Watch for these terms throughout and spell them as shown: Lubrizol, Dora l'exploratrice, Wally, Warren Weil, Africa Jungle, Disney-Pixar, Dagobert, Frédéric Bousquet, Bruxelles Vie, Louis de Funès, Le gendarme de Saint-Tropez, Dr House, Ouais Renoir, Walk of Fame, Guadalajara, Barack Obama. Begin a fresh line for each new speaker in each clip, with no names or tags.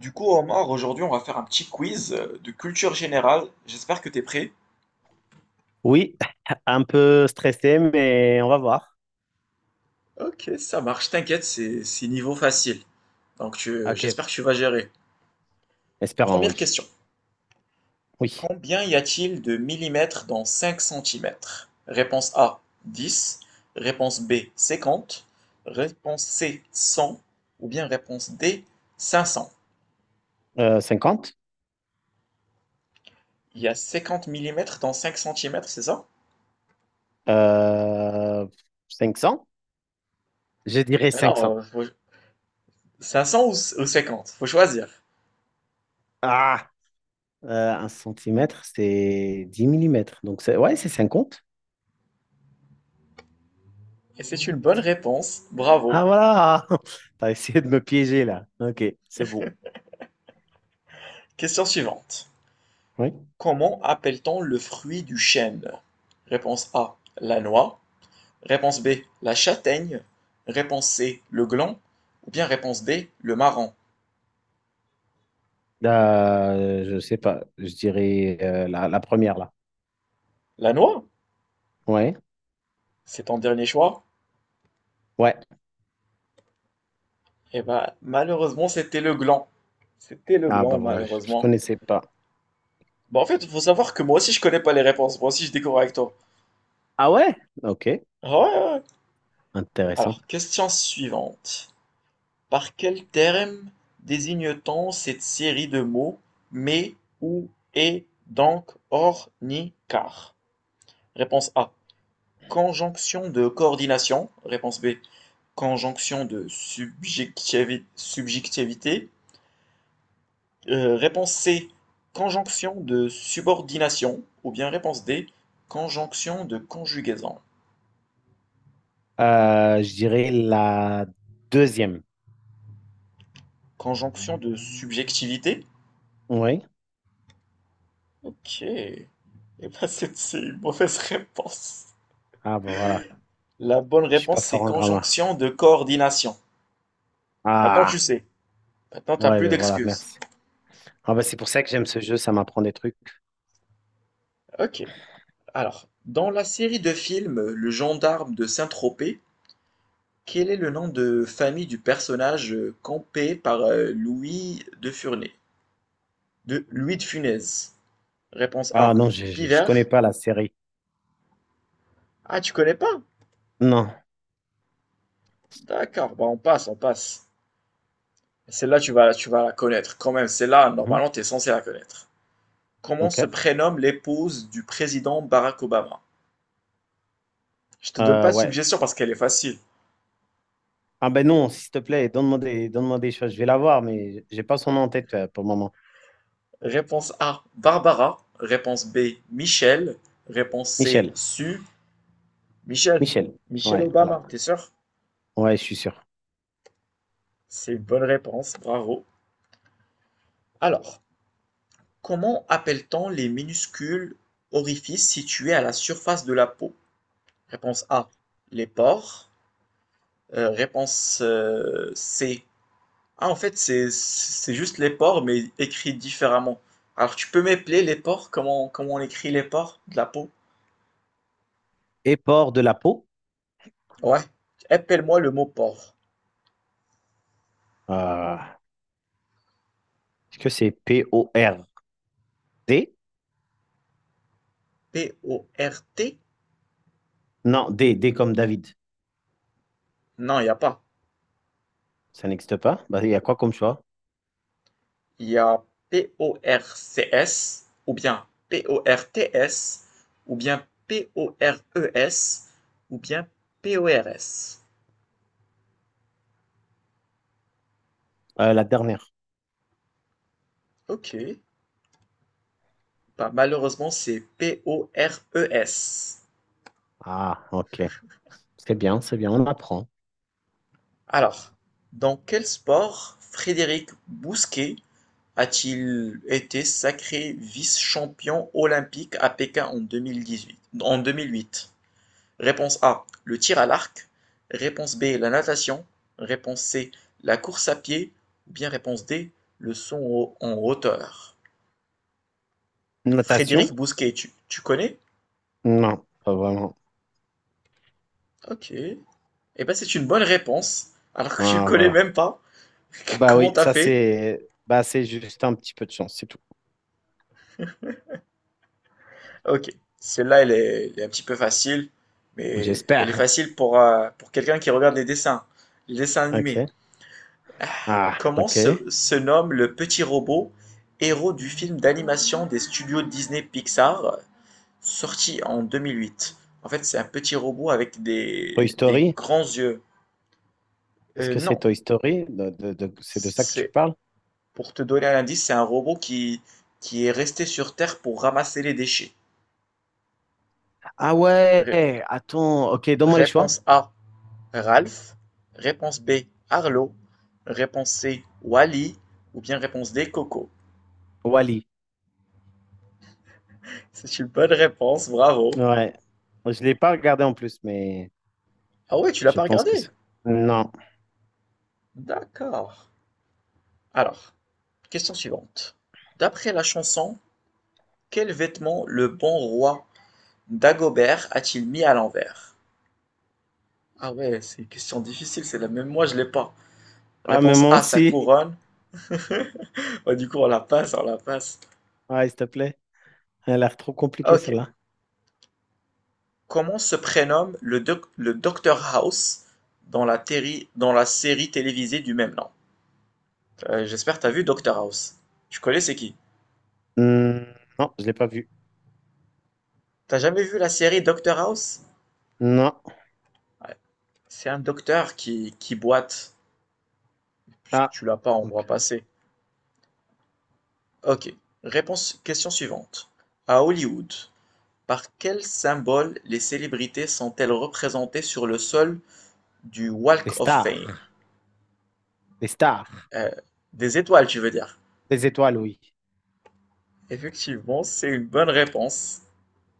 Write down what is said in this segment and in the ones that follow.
Du coup, Omar, aujourd'hui, on va faire un petit quiz de culture générale. J'espère que tu es prêt.
Oui, un peu stressé, mais on va voir.
Ok, ça marche, t'inquiète, c'est niveau facile. Donc
Ok,
j'espère que tu vas gérer.
espérons,
Première
oui.
question.
Oui.
Combien y a-t-il de millimètres dans 5 centimètres? Réponse A, dix. Réponse B, cinquante. Réponse C, cent. Ou bien réponse D, cinq cents.
50?
Il y a 50 millimètres dans 5 centimètres, c'est ça?
Euh, 500? Je dirais
Mais
cinq
alors,
cents.
500 ou 50? Faut choisir.
Ah, un centimètre, c'est 10 millimètres. Donc, c'est... ouais, c'est 50.
Et c'est une bonne réponse, bravo.
Ah, voilà. T'as essayé de me piéger là. Ok, c'est bon.
Question suivante.
Oui.
Comment appelle-t-on le fruit du chêne? Réponse A, la noix. Réponse B, la châtaigne. Réponse C, le gland. Ou bien réponse D, le marron.
Je sais pas. Je dirais la première là.
La noix?
Ouais.
C'est ton dernier choix?
Ouais.
Eh ben, malheureusement, c'était le gland. C'était le
Ah, bah
gland,
voilà, je
malheureusement.
connaissais pas.
Bon, en fait, il faut savoir que moi aussi, je connais pas les réponses. Moi aussi, je découvre avec toi.
Ah ouais? Ok,
Ouais, ouais, ouais.
intéressant.
Alors, question suivante. Par quel terme désigne-t-on cette série de mots: mais, ou, et, donc, or, ni, car? Réponse A, conjonction de coordination. Réponse B, conjonction de subjectivité Réponse C, conjonction de subordination. Ou bien réponse D, conjonction de conjugaison.
Je dirais la deuxième.
Conjonction de subjectivité.
Oui.
Ok. Et bien, c'est une mauvaise réponse.
Ah, bah voilà.
La bonne
Je suis pas
réponse, c'est
fort en grammaire.
conjonction de coordination. Maintenant, tu
Ah,
sais. Maintenant, t'as
ouais,
plus
ben voilà,
d'excuses.
merci. Ah, bah c'est pour ça que j'aime ce jeu, ça m'apprend des trucs.
Ok. Alors, dans la série de films Le Gendarme de Saint-Tropez, quel est le nom de famille du personnage campé par Louis de Funès. Réponse
Ah,
A,
non, je connais
Pivert.
pas la série.
Ah, tu connais pas?
Non.
D'accord. Bah, on passe, on passe. Celle-là, tu vas la connaître quand même. Celle-là,
Mhm.
normalement, t'es censé la connaître. Comment se
Ok.
prénomme l'épouse du président Barack Obama? Je te donne pas de
Ouais.
suggestion parce qu'elle est facile.
Ah, ben non, s'il te plaît, donne-moi des choses. Je vais la voir, mais j'ai pas son nom en tête pour le moment.
Réponse A, Barbara. Réponse B, Michel. Réponse C,
Michel.
Sue. Michel.
Michel.
Michel
Ouais, voilà.
Obama, t'es sûr?
Ouais, je suis sûr.
C'est une bonne réponse, bravo. Alors, comment appelle-t-on les minuscules orifices situés à la surface de la peau? Réponse A, les pores. Réponse C. Ah, en fait, c'est juste les pores, mais écrit différemment. Alors, tu peux m'épeler les pores? Comment on écrit les pores de la peau?
Et port de la peau.
Ouais, appelle-moi le mot port.
Euh, est-ce que c'est P-O-R-D?
P-O-R-T?
Non, D, D comme David.
Non, il n'y a pas.
Ça n'existe pas? Bah, il y a quoi comme choix?
Il y a P-O-R-C-S ou bien P-O-R-T-S ou bien P-O-R-E-S ou bien P-O-R-S.
La dernière.
Ok, bah, malheureusement c'est P-O-R-E-S.
Ah, ok. C'est bien, on apprend.
Alors, dans quel sport Frédéric Bousquet a-t-il été sacré vice-champion olympique à Pékin en 2008. Réponse A, le tir à l'arc. Réponse B, la natation. Réponse C, la course à pied. Ou bien réponse D, le son en hauteur.
Notation?
Frédéric Bousquet, tu connais?
Non, pas vraiment.
Ok. Eh ben c'est une bonne réponse, alors que tu le
Ah,
connais
voilà.
même pas.
Bah
Comment
oui,
t'as fait?
c'est juste un petit peu de chance, c'est tout.
Ok. Celle-là, elle est un petit peu facile, mais elle est
J'espère.
facile pour quelqu'un qui regarde les dessins animés.
Ok. Ah,
Comment
ok.
se nomme le petit robot, héros du film d'animation des studios Disney-Pixar, sorti en 2008? En fait, c'est un petit robot avec des,
Toy
des
Story?
grands yeux.
Est-ce que c'est
Non,
Toy Story? C'est de ça que tu
c'est
parles?
pour te donner un indice, c'est un robot qui est resté sur Terre pour ramasser les déchets.
Ah
Ré-
ouais, attends, ok, donne-moi les choix.
Réponse A, Ralph. Réponse B, Arlo. Réponse C, Wally. Ou bien réponse D, Coco.
Wally.
C'est une bonne réponse, bravo.
Ouais. Je l'ai pas regardé en plus, mais
Ah ouais, tu l'as
je
pas
pense que
regardé?
c'est. Non.
D'accord. Alors, question suivante. D'après la chanson, quel vêtement le bon roi Dagobert a-t-il mis à l'envers? Ah ouais, c'est une question difficile, c'est la même, moi je l'ai pas.
Ah, mais
Réponse
moi
A, sa
aussi.
couronne. Bah, du coup, on la passe, on la passe.
Ouais, s'il te plaît. Elle a l'air trop compliquée,
Ok.
celle-là.
Comment se prénomme le, le Dr House dans la, dans la série télévisée du même nom? J'espère que t'as vu Dr House. Tu connais c'est qui?
Hmm, non, je l'ai pas vu.
T'as jamais vu la série Dr House?
Non.
Ouais. C'est un docteur qui boite, puisque
Ah,
tu l'as pas en bras
ok.
passé. Ok. Réponse, question suivante. À Hollywood, par quel symbole les célébrités sont-elles représentées sur le sol du
Les
Walk of
stars.
Fame?
Les stars.
Euh, des étoiles, tu veux dire?
Les étoiles, oui.
Effectivement, c'est une bonne réponse.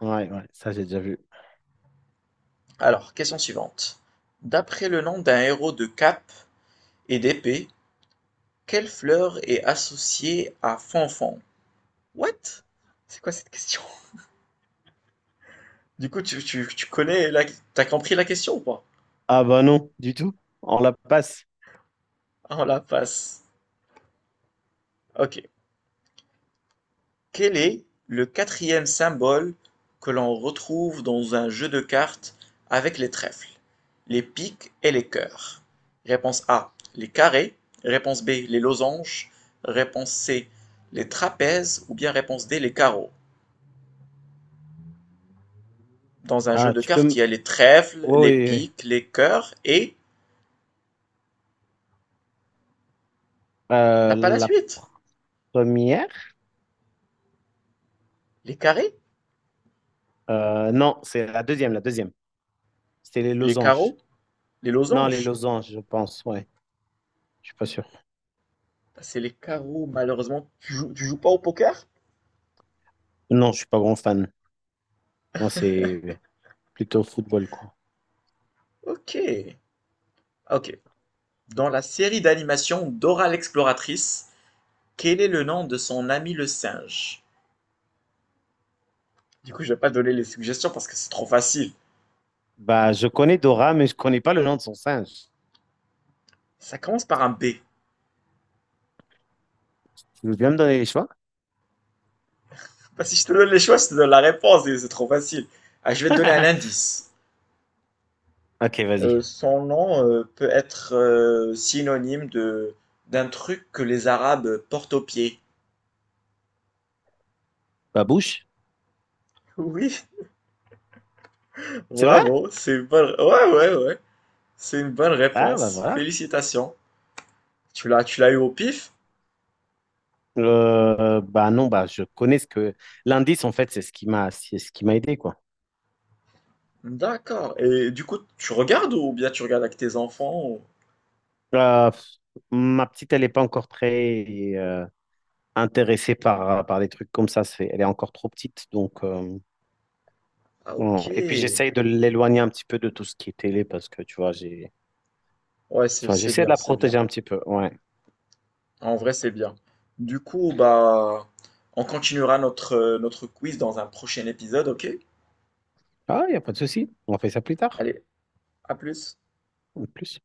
Ouais, ouais, ça j'ai déjà vu.
Alors, question suivante. D'après le nom d'un héros de cape et d'épée, quelle fleur est associée à Fanfan? What? C'est quoi cette question? Du coup, tu connais la... T'as compris la question ou pas?
Ah bah non, du tout. On la passe.
On la passe. Ok. Quel est le quatrième symbole que l'on retrouve dans un jeu de cartes avec les trèfles, les piques et les cœurs? Réponse A, les carrés. Réponse B, les losanges. Réponse C, les trapèzes. Ou bien réponse D, les carreaux. Dans un jeu
Ah,
de
tu
cartes, il y a les trèfles,
oui,
les
oui, oui.
piques, les cœurs et... T'as pas la
La
suite?
première?
Les carrés,
Non, c'est la deuxième. C'était les
les
losanges.
carreaux, les
Non, les
losanges.
losanges, je pense, ouais. Je suis pas sûr.
Bah, c'est les carreaux, malheureusement. Tu joues pas au poker?
Non, je suis pas grand fan. Moi, c'est plutôt football, quoi.
Ok. Ok, dans la série d'animation Dora l'exploratrice, quel est le nom de son ami le singe? Du coup, je vais pas donner les suggestions parce que c'est trop facile.
Bah, je connais Dora, mais je connais pas le nom de son singe.
Ça commence par un B.
Tu veux bien me donner les choix?
Bah, si je te donne les choix, je te donne la réponse et c'est trop facile. Ah, je vais te donner un indice.
Ok, vas-y.
Son nom peut être synonyme de d'un truc que les Arabes portent aux pieds.
Babouche.
Oui,
C'est vrai?
bravo, c'est une bonne... Ouais, ouais, ouais. C'est une bonne
Ah, bah
réponse.
voilà.
Félicitations. Tu l'as eu au pif.
Bah non, bah je connais ce que... L'indice, en fait, c'est ce qui m'a c'est ce qui m'a aidé, quoi.
D'accord. Et du coup, tu regardes ou bien tu regardes avec tes enfants? Ou-
Euh, ma petite, elle n'est pas encore très intéressée par des trucs comme ça. C'est, elle est encore trop petite, donc...
ah ok.
non. Et puis, j'essaye de l'éloigner un petit peu de tout ce qui est télé, parce que, tu vois, j'ai...
Ouais, c'est
Enfin,
c'est
j'essaie de
bien,
la
c'est
protéger
bien.
un petit peu, ouais.
En vrai, c'est bien. Du coup, bah, on continuera notre, notre quiz dans un prochain épisode, ok?
Ah, il n'y a pas de souci. On fait ça plus tard,
Allez, à plus.
en plus.